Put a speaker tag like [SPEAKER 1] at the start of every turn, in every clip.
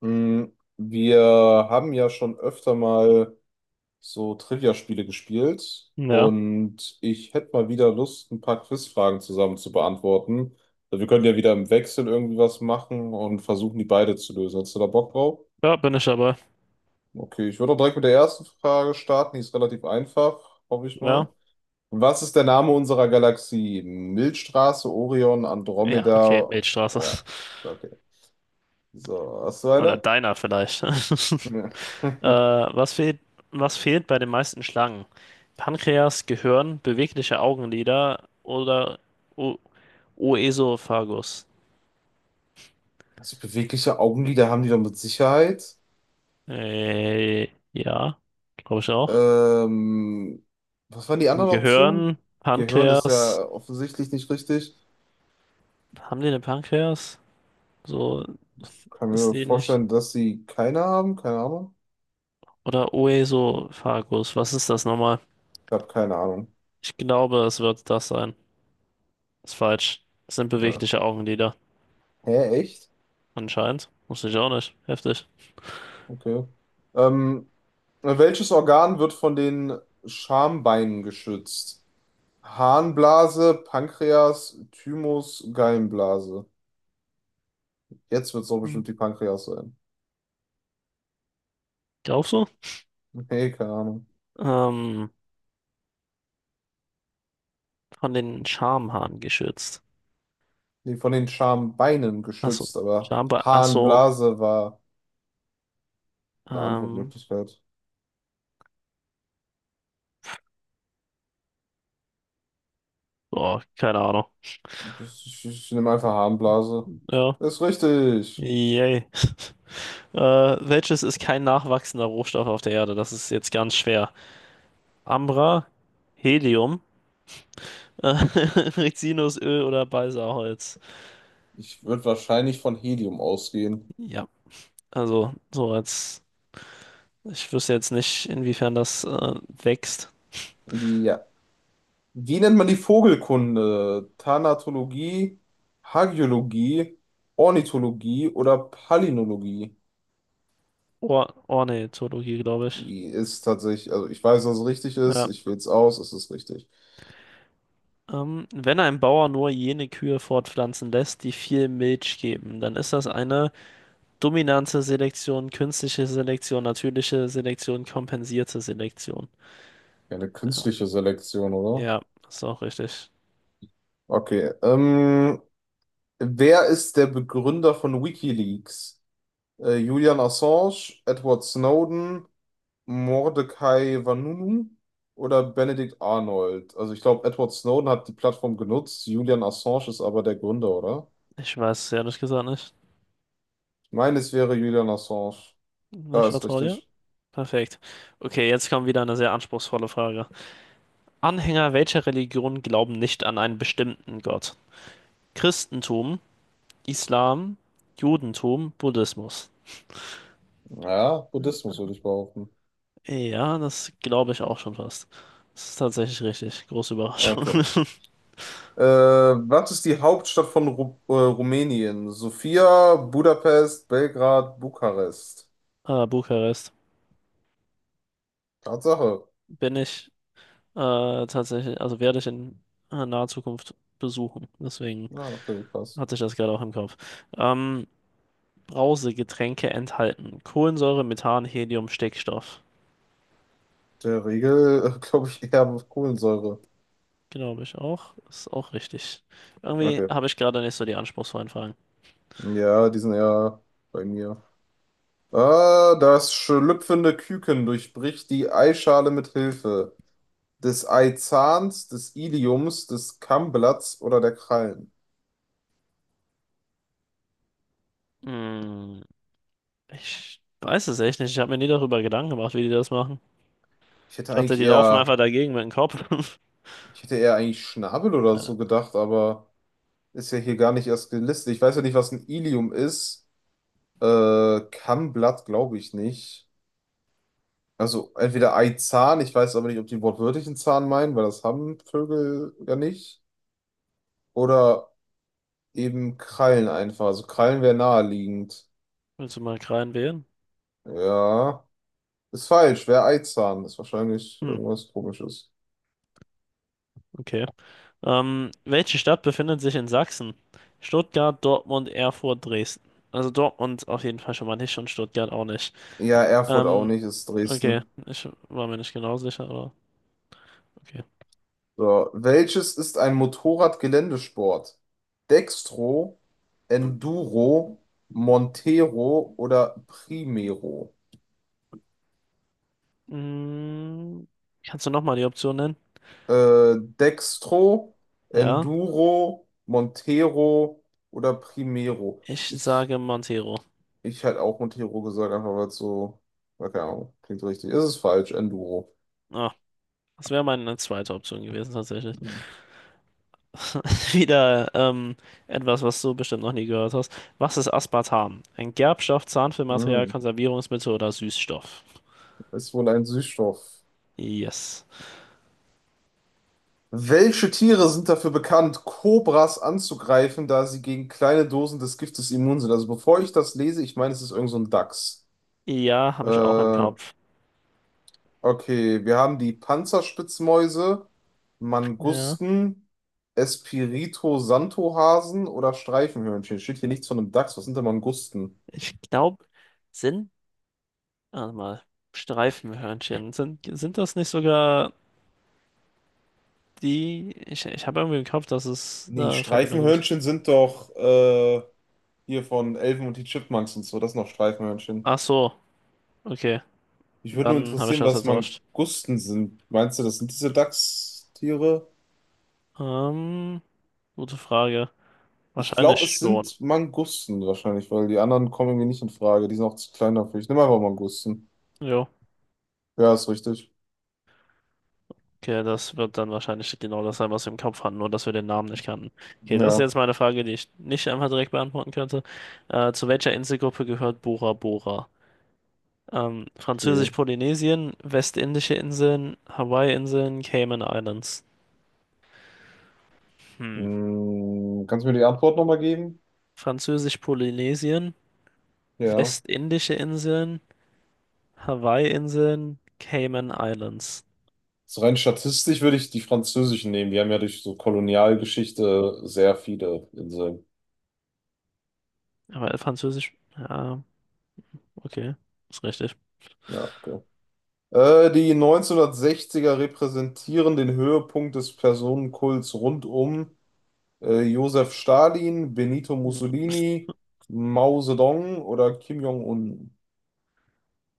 [SPEAKER 1] Mm, Wir haben ja schon öfter mal so Trivia-Spiele gespielt
[SPEAKER 2] Ja,
[SPEAKER 1] und ich hätte mal wieder Lust, ein paar Quizfragen zusammen zu beantworten. Also wir können ja wieder im Wechsel irgendwie was machen und versuchen, die beide zu lösen. Hast du da Bock drauf?
[SPEAKER 2] ja, bin ich dabei.
[SPEAKER 1] Okay, ich würde auch direkt mit der ersten Frage starten. Die ist relativ einfach, hoffe ich
[SPEAKER 2] Ja,
[SPEAKER 1] mal. Was ist der Name unserer Galaxie? Milchstraße, Orion,
[SPEAKER 2] ja, okay,
[SPEAKER 1] Andromeda.
[SPEAKER 2] Milchstraße.
[SPEAKER 1] Ja, okay. So, hast du
[SPEAKER 2] Oder
[SPEAKER 1] eine?
[SPEAKER 2] Diner vielleicht.
[SPEAKER 1] Ja.
[SPEAKER 2] Äh, was fehlt, was fehlt bei den meisten Schlangen? Pankreas, Gehirn, bewegliche Augenlider oder o Oesophagus?
[SPEAKER 1] Also bewegliche Augenlider haben die doch mit Sicherheit.
[SPEAKER 2] Äh, ja, glaube ich auch.
[SPEAKER 1] Ähm, was waren die anderen
[SPEAKER 2] Gehirn,
[SPEAKER 1] Optionen? Gehirn ist
[SPEAKER 2] Pankreas.
[SPEAKER 1] ja offensichtlich nicht richtig.
[SPEAKER 2] Haben die eine Pankreas? So
[SPEAKER 1] Kann
[SPEAKER 2] ist
[SPEAKER 1] mir
[SPEAKER 2] die nicht.
[SPEAKER 1] vorstellen, dass sie keine haben. Keine Ahnung.
[SPEAKER 2] Oder Oesophagus. Was ist das nochmal?
[SPEAKER 1] Ich habe keine Ahnung.
[SPEAKER 2] Ich glaube, es wird das sein. Ist falsch. Es sind
[SPEAKER 1] Ja.
[SPEAKER 2] bewegliche Augenlider,
[SPEAKER 1] Hä, echt?
[SPEAKER 2] anscheinend. Wusste ich auch nicht. Heftig.
[SPEAKER 1] Okay. Ähm, welches Organ wird von den Schambeinen geschützt? Harnblase, Pankreas, Thymus, Gallenblase. Jetzt wird es doch
[SPEAKER 2] Hm.
[SPEAKER 1] bestimmt die Pankreas sein.
[SPEAKER 2] Glaubst du?
[SPEAKER 1] Nee, keine Ahnung.
[SPEAKER 2] Ähm, von den Schamhaaren geschützt.
[SPEAKER 1] Nee, von den Schambeinen
[SPEAKER 2] Achso,
[SPEAKER 1] geschützt, aber
[SPEAKER 2] Achso,
[SPEAKER 1] Harnblase war eine
[SPEAKER 2] ähm,
[SPEAKER 1] Antwortmöglichkeit.
[SPEAKER 2] boah, keine Ahnung.
[SPEAKER 1] Ich nehme einfach Harnblase.
[SPEAKER 2] Ja,
[SPEAKER 1] Das ist richtig.
[SPEAKER 2] yay. Äh, Welches ist kein nachwachsender Rohstoff auf der Erde? Das ist jetzt ganz schwer. Ambra, Helium, Rizinusöl oder Balsaholz?
[SPEAKER 1] Ich würde wahrscheinlich von Helium ausgehen.
[SPEAKER 2] Ja, also so als, ich wüsste jetzt nicht, inwiefern das wächst.
[SPEAKER 1] Ja. Wie nennt man die Vogelkunde? Thanatologie, Hagiologie, Ornithologie oder Palynologie?
[SPEAKER 2] Or Ornithologie, glaube ich.
[SPEAKER 1] Die ist tatsächlich, also ich weiß, dass es richtig ist,
[SPEAKER 2] Ja.
[SPEAKER 1] ich wähle es aus, es ist richtig.
[SPEAKER 2] Wenn ein Bauer nur jene Kühe fortpflanzen lässt, die viel Milch geben, dann ist das eine dominante Selektion, künstliche Selektion, natürliche Selektion, kompensierte Selektion.
[SPEAKER 1] Ja, eine künstliche Selektion, oder?
[SPEAKER 2] Ja, ist auch richtig.
[SPEAKER 1] Okay, wer ist der Begründer von WikiLeaks? Julian Assange, Edward Snowden, Mordecai Vanunu oder Benedict Arnold? Also ich glaube, Edward Snowden hat die Plattform genutzt, Julian Assange ist aber der Gründer, oder?
[SPEAKER 2] Ich weiß es ehrlich gesagt nicht.
[SPEAKER 1] Ich meine, es wäre Julian Assange. Ja,
[SPEAKER 2] Ich
[SPEAKER 1] ist
[SPEAKER 2] vertraue dir.
[SPEAKER 1] richtig.
[SPEAKER 2] Perfekt. Okay, jetzt kommt wieder eine sehr anspruchsvolle Frage. Anhänger welcher Religion glauben nicht an einen bestimmten Gott? Christentum, Islam, Judentum, Buddhismus.
[SPEAKER 1] Ja, Buddhismus würde ich behaupten.
[SPEAKER 2] Ja, das glaube ich auch schon fast. Das ist tatsächlich richtig. Große Überraschung.
[SPEAKER 1] Okay. Was ist die Hauptstadt von Ru Rumänien? Sofia, Budapest, Belgrad, Bukarest.
[SPEAKER 2] Bukarest.
[SPEAKER 1] Tatsache.
[SPEAKER 2] Bin ich äh, tatsächlich, also werde ich in naher Zukunft besuchen. Deswegen
[SPEAKER 1] Ja, okay, krass.
[SPEAKER 2] hatte ich das gerade auch im Kopf. Ähm, Brausegetränke enthalten. Kohlensäure, Methan, Helium, Stickstoff.
[SPEAKER 1] Der Regel, glaube ich, eher Kohlensäure.
[SPEAKER 2] Glaube ich auch. Ist auch richtig. Irgendwie
[SPEAKER 1] Okay.
[SPEAKER 2] habe ich gerade nicht so die anspruchsvollen Fragen.
[SPEAKER 1] Ja, die sind eher bei mir. Ah, das schlüpfende Küken durchbricht die Eischale mit Hilfe des Eizahns, des Iliums, des Kammblatts oder der Krallen.
[SPEAKER 2] Hm, ich weiß es echt nicht. Ich habe mir nie darüber Gedanken gemacht, wie die das machen.
[SPEAKER 1] Ich
[SPEAKER 2] Ich
[SPEAKER 1] hätte
[SPEAKER 2] dachte,
[SPEAKER 1] eigentlich
[SPEAKER 2] die laufen einfach
[SPEAKER 1] eher,
[SPEAKER 2] dagegen mit dem Kopf.
[SPEAKER 1] ich hätte eher eigentlich Schnabel oder so gedacht, aber ist ja hier gar nicht erst gelistet. Ich weiß ja nicht, was ein Ilium ist. Kammblatt glaube ich nicht. Also entweder Eizahn, ich weiß aber nicht, ob die wortwörtlich einen Zahn meinen, weil das haben Vögel ja nicht. Oder eben Krallen einfach. Also Krallen wäre naheliegend.
[SPEAKER 2] Willst du mal rein?
[SPEAKER 1] Ja, ist falsch. Wäre Eizahn. Ist wahrscheinlich
[SPEAKER 2] Hm,
[SPEAKER 1] irgendwas Komisches.
[SPEAKER 2] okay. Welche Stadt befindet sich in Sachsen? Stuttgart, Dortmund, Erfurt, Dresden. Also Dortmund auf jeden Fall schon mal nicht und Stuttgart auch nicht.
[SPEAKER 1] Ja, Erfurt auch
[SPEAKER 2] Ähm,
[SPEAKER 1] nicht, ist
[SPEAKER 2] okay.
[SPEAKER 1] Dresden.
[SPEAKER 2] Ich war mir nicht genau sicher, aber okay.
[SPEAKER 1] So, welches ist ein Motorrad Geländesport? Dextro, Enduro, Montero oder Primero?
[SPEAKER 2] Hm, kannst du nochmal die Option nennen?
[SPEAKER 1] Dextro,
[SPEAKER 2] Ja.
[SPEAKER 1] Enduro, Montero oder Primero.
[SPEAKER 2] Ich
[SPEAKER 1] Ich,
[SPEAKER 2] sage Montero.
[SPEAKER 1] ich hätte auch Montero gesagt, einfach weil es so, na, keine Ahnung, klingt so richtig. Ist es falsch, Enduro.
[SPEAKER 2] Ah, das wäre meine zweite Option gewesen tatsächlich.
[SPEAKER 1] Hm.
[SPEAKER 2] Wieder etwas, was du bestimmt noch nie gehört hast. Was ist Aspartam? Ein Gerbstoff, Zahnfüllmaterial,
[SPEAKER 1] Hm.
[SPEAKER 2] Konservierungsmittel oder Süßstoff?
[SPEAKER 1] Ist wohl ein Süßstoff.
[SPEAKER 2] Yes.
[SPEAKER 1] Welche Tiere sind dafür bekannt, Kobras anzugreifen, da sie gegen kleine Dosen des Giftes immun sind? Also bevor ich das lese, ich meine, es ist irgend so ein Dachs.
[SPEAKER 2] Ja,
[SPEAKER 1] Äh,
[SPEAKER 2] habe ich auch im Kopf.
[SPEAKER 1] Okay, wir haben die Panzerspitzmäuse,
[SPEAKER 2] Ja.
[SPEAKER 1] Mangusten, espirito Santo Hasen oder Streifenhörnchen. Steht hier nichts von einem Dachs. Was sind denn Mangusten?
[SPEAKER 2] Ich glaube, sind, warte mal, Streifenhörnchen. Sind das nicht sogar die? Ich habe irgendwie im Kopf, dass es
[SPEAKER 1] Nee,
[SPEAKER 2] da Verbindung gibt.
[SPEAKER 1] Streifenhörnchen sind doch hier von Elfen und die Chipmunks und so. Das sind noch Streifenhörnchen.
[SPEAKER 2] Ach so, okay.
[SPEAKER 1] Mich würde nur
[SPEAKER 2] Dann habe ich
[SPEAKER 1] interessieren,
[SPEAKER 2] das
[SPEAKER 1] was
[SPEAKER 2] vertauscht.
[SPEAKER 1] Mangusten sind. Meinst du, das sind diese Dachstiere?
[SPEAKER 2] Ähm, Gute Frage.
[SPEAKER 1] Ich
[SPEAKER 2] Wahrscheinlich
[SPEAKER 1] glaube, es
[SPEAKER 2] schon.
[SPEAKER 1] sind Mangusten wahrscheinlich, weil die anderen kommen mir nicht in Frage. Die sind auch zu klein dafür. Ich nehme einfach Mangusten.
[SPEAKER 2] Jo.
[SPEAKER 1] Ja, ist richtig.
[SPEAKER 2] Okay, das wird dann wahrscheinlich genau das sein, was wir im Kopf hatten, nur dass wir den Namen nicht kannten. Okay, das ist
[SPEAKER 1] Ja,
[SPEAKER 2] jetzt meine Frage, die ich nicht einfach direkt beantworten könnte. Zu welcher Inselgruppe gehört Bora Bora?
[SPEAKER 1] okay.
[SPEAKER 2] Französisch-Polynesien, Westindische Inseln, Hawaii-Inseln, Cayman Islands. Hm.
[SPEAKER 1] Kannst du mir die Antwort nochmal geben?
[SPEAKER 2] Französisch-Polynesien,
[SPEAKER 1] Ja.
[SPEAKER 2] Westindische Inseln, Hawaii-Inseln, Cayman Islands.
[SPEAKER 1] So rein statistisch würde ich die französischen nehmen. Die haben ja durch so Kolonialgeschichte sehr viele Inseln.
[SPEAKER 2] Aber Französisch, ja, okay, ist richtig.
[SPEAKER 1] Ja, okay. Die 1960er repräsentieren den Höhepunkt des Personenkults rund um Josef Stalin, Benito
[SPEAKER 2] Hm.
[SPEAKER 1] Mussolini, Mao Zedong oder Kim Jong-un.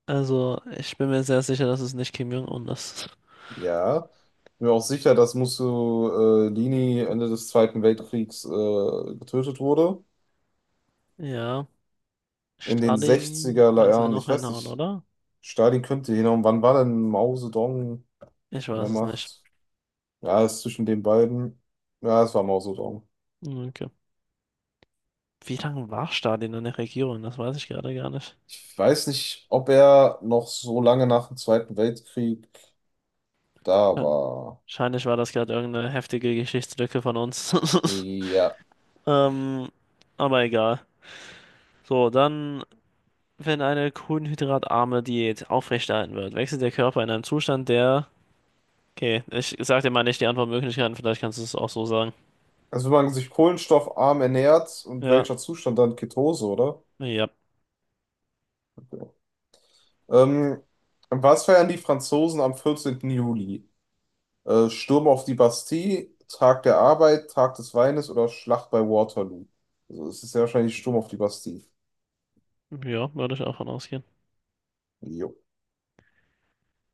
[SPEAKER 2] Also, ich bin mir sehr sicher, dass es nicht Kim Jong-un ist.
[SPEAKER 1] Ja. Ich bin mir auch sicher, dass Mussolini Ende des Zweiten Weltkriegs getötet wurde.
[SPEAKER 2] Ja,
[SPEAKER 1] In den
[SPEAKER 2] Stalin,
[SPEAKER 1] sechziger
[SPEAKER 2] kannst du ja
[SPEAKER 1] Jahren,
[SPEAKER 2] noch
[SPEAKER 1] ich weiß
[SPEAKER 2] hinhauen,
[SPEAKER 1] nicht,
[SPEAKER 2] oder?
[SPEAKER 1] Stalin könnte hinhauen. Wann war denn Mao Zedong
[SPEAKER 2] Ich
[SPEAKER 1] an der
[SPEAKER 2] weiß es nicht.
[SPEAKER 1] Macht? Ja, es ist zwischen den beiden. Ja, es war Mao Zedong.
[SPEAKER 2] Okay. Wie lange war Stalin in der Regierung? Das weiß ich gerade gar nicht.
[SPEAKER 1] Ich weiß nicht, ob er noch so lange nach dem Zweiten Weltkrieg da war.
[SPEAKER 2] Wahrscheinlich war das gerade irgendeine heftige Geschichtslücke von uns.
[SPEAKER 1] Ja.
[SPEAKER 2] Ähm, aber egal. So, dann, wenn eine kohlenhydratarme Diät aufrechterhalten wird, wechselt der Körper in einem Zustand, der. Okay, ich sag dir mal nicht die Antwortmöglichkeiten, vielleicht kannst du es auch so sagen.
[SPEAKER 1] Also wenn man sich kohlenstoffarm ernährt und
[SPEAKER 2] Ja,
[SPEAKER 1] welcher Zustand dann? Ketose, oder?
[SPEAKER 2] ja,
[SPEAKER 1] Ähm, was feiern die Franzosen am 14. Juli? Sturm auf die Bastille, Tag der Arbeit, Tag des Weines oder Schlacht bei Waterloo. Also es ist ja wahrscheinlich Sturm auf die Bastille.
[SPEAKER 2] ja, würde ich auch von ausgehen.
[SPEAKER 1] Jo.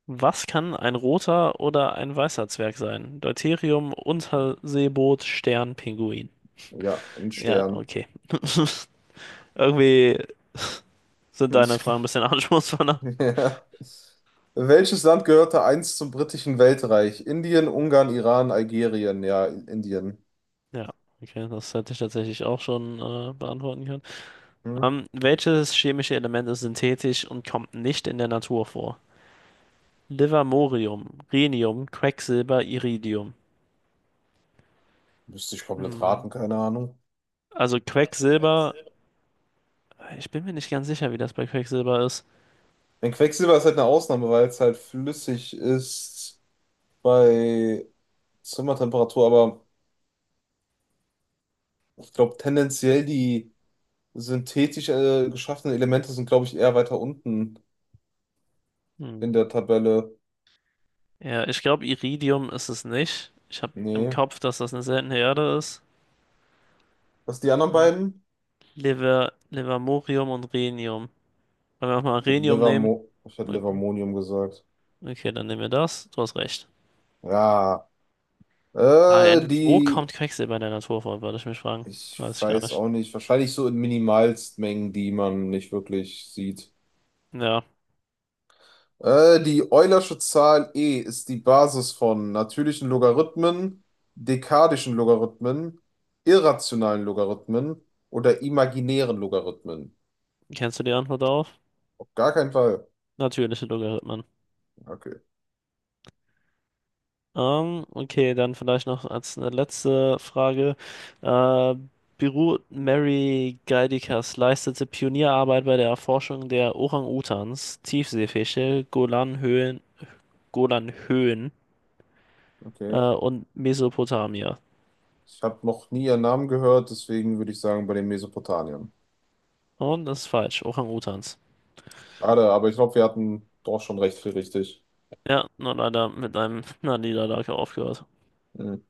[SPEAKER 2] Was kann ein roter oder ein weißer Zwerg sein? Deuterium, Unterseeboot, Stern, Pinguin.
[SPEAKER 1] Ja, ein
[SPEAKER 2] Ja,
[SPEAKER 1] Stern.
[SPEAKER 2] okay. Irgendwie sind deine
[SPEAKER 1] Ich glaub-
[SPEAKER 2] Fragen ein bisschen anspruchsvoller.
[SPEAKER 1] Ja. Welches Land gehörte einst zum britischen Weltreich? Indien, Ungarn, Iran, Algerien. Ja, Indien.
[SPEAKER 2] Ja, okay, das hätte ich tatsächlich auch schon beantworten können.
[SPEAKER 1] Hm?
[SPEAKER 2] Welches chemische Element ist synthetisch und kommt nicht in der Natur vor? Livermorium, Rhenium, Quecksilber, Iridium.
[SPEAKER 1] Müsste ich komplett
[SPEAKER 2] Hm.
[SPEAKER 1] raten, keine Ahnung.
[SPEAKER 2] Also Quecksilber, ich bin mir nicht ganz sicher, wie das bei Quecksilber ist.
[SPEAKER 1] Denn Quecksilber ist halt eine Ausnahme, weil es halt flüssig ist bei Zimmertemperatur, aber ich glaube tendenziell die synthetisch geschaffene Elemente sind, glaube ich, eher weiter unten
[SPEAKER 2] Hm.
[SPEAKER 1] in der Tabelle.
[SPEAKER 2] Ja, ich glaube, Iridium ist es nicht. Ich habe im
[SPEAKER 1] Nee.
[SPEAKER 2] Kopf, dass das eine seltene Erde ist.
[SPEAKER 1] Was die anderen
[SPEAKER 2] Mhm.
[SPEAKER 1] beiden?
[SPEAKER 2] Livermorium und Rhenium. Wollen wir auch mal
[SPEAKER 1] Gut,
[SPEAKER 2] Rhenium nehmen?
[SPEAKER 1] Livermo, ich hätte Livermonium gesagt.
[SPEAKER 2] Okay, dann nehmen wir das. Du hast recht.
[SPEAKER 1] Ja.
[SPEAKER 2] Ah,
[SPEAKER 1] Äh,
[SPEAKER 2] wo kommt
[SPEAKER 1] die,
[SPEAKER 2] Quecksilber in der Natur vor, würde ich mich fragen.
[SPEAKER 1] ich
[SPEAKER 2] Weiß ich gar
[SPEAKER 1] weiß
[SPEAKER 2] nicht.
[SPEAKER 1] auch nicht, wahrscheinlich so in Minimalstmengen, die man nicht wirklich sieht.
[SPEAKER 2] Ja,
[SPEAKER 1] Die Eulersche Zahl e ist die Basis von natürlichen Logarithmen, dekadischen Logarithmen, irrationalen Logarithmen oder imaginären Logarithmen.
[SPEAKER 2] kennst du die Antwort darauf?
[SPEAKER 1] Auf gar keinen Fall.
[SPEAKER 2] Natürliche Logarithmen.
[SPEAKER 1] Okay.
[SPEAKER 2] Okay, dann vielleicht noch als eine letzte Frage. Äh, Beruht Mary Geidikas leistete Pionierarbeit bei der Erforschung der Orang-Utans, Tiefseefische, Golanhöhen, Golanhöhen
[SPEAKER 1] Okay.
[SPEAKER 2] und Mesopotamia.
[SPEAKER 1] Ich habe noch nie ihren Namen gehört, deswegen würde ich sagen bei den Mesopotamiern.
[SPEAKER 2] Und das ist falsch, Orang-Utans.
[SPEAKER 1] Schade, aber ich glaube, wir hatten doch schon recht viel richtig.
[SPEAKER 2] Ja, nur leider mit einem einer Niederlage aufgehört.
[SPEAKER 1] Mhm.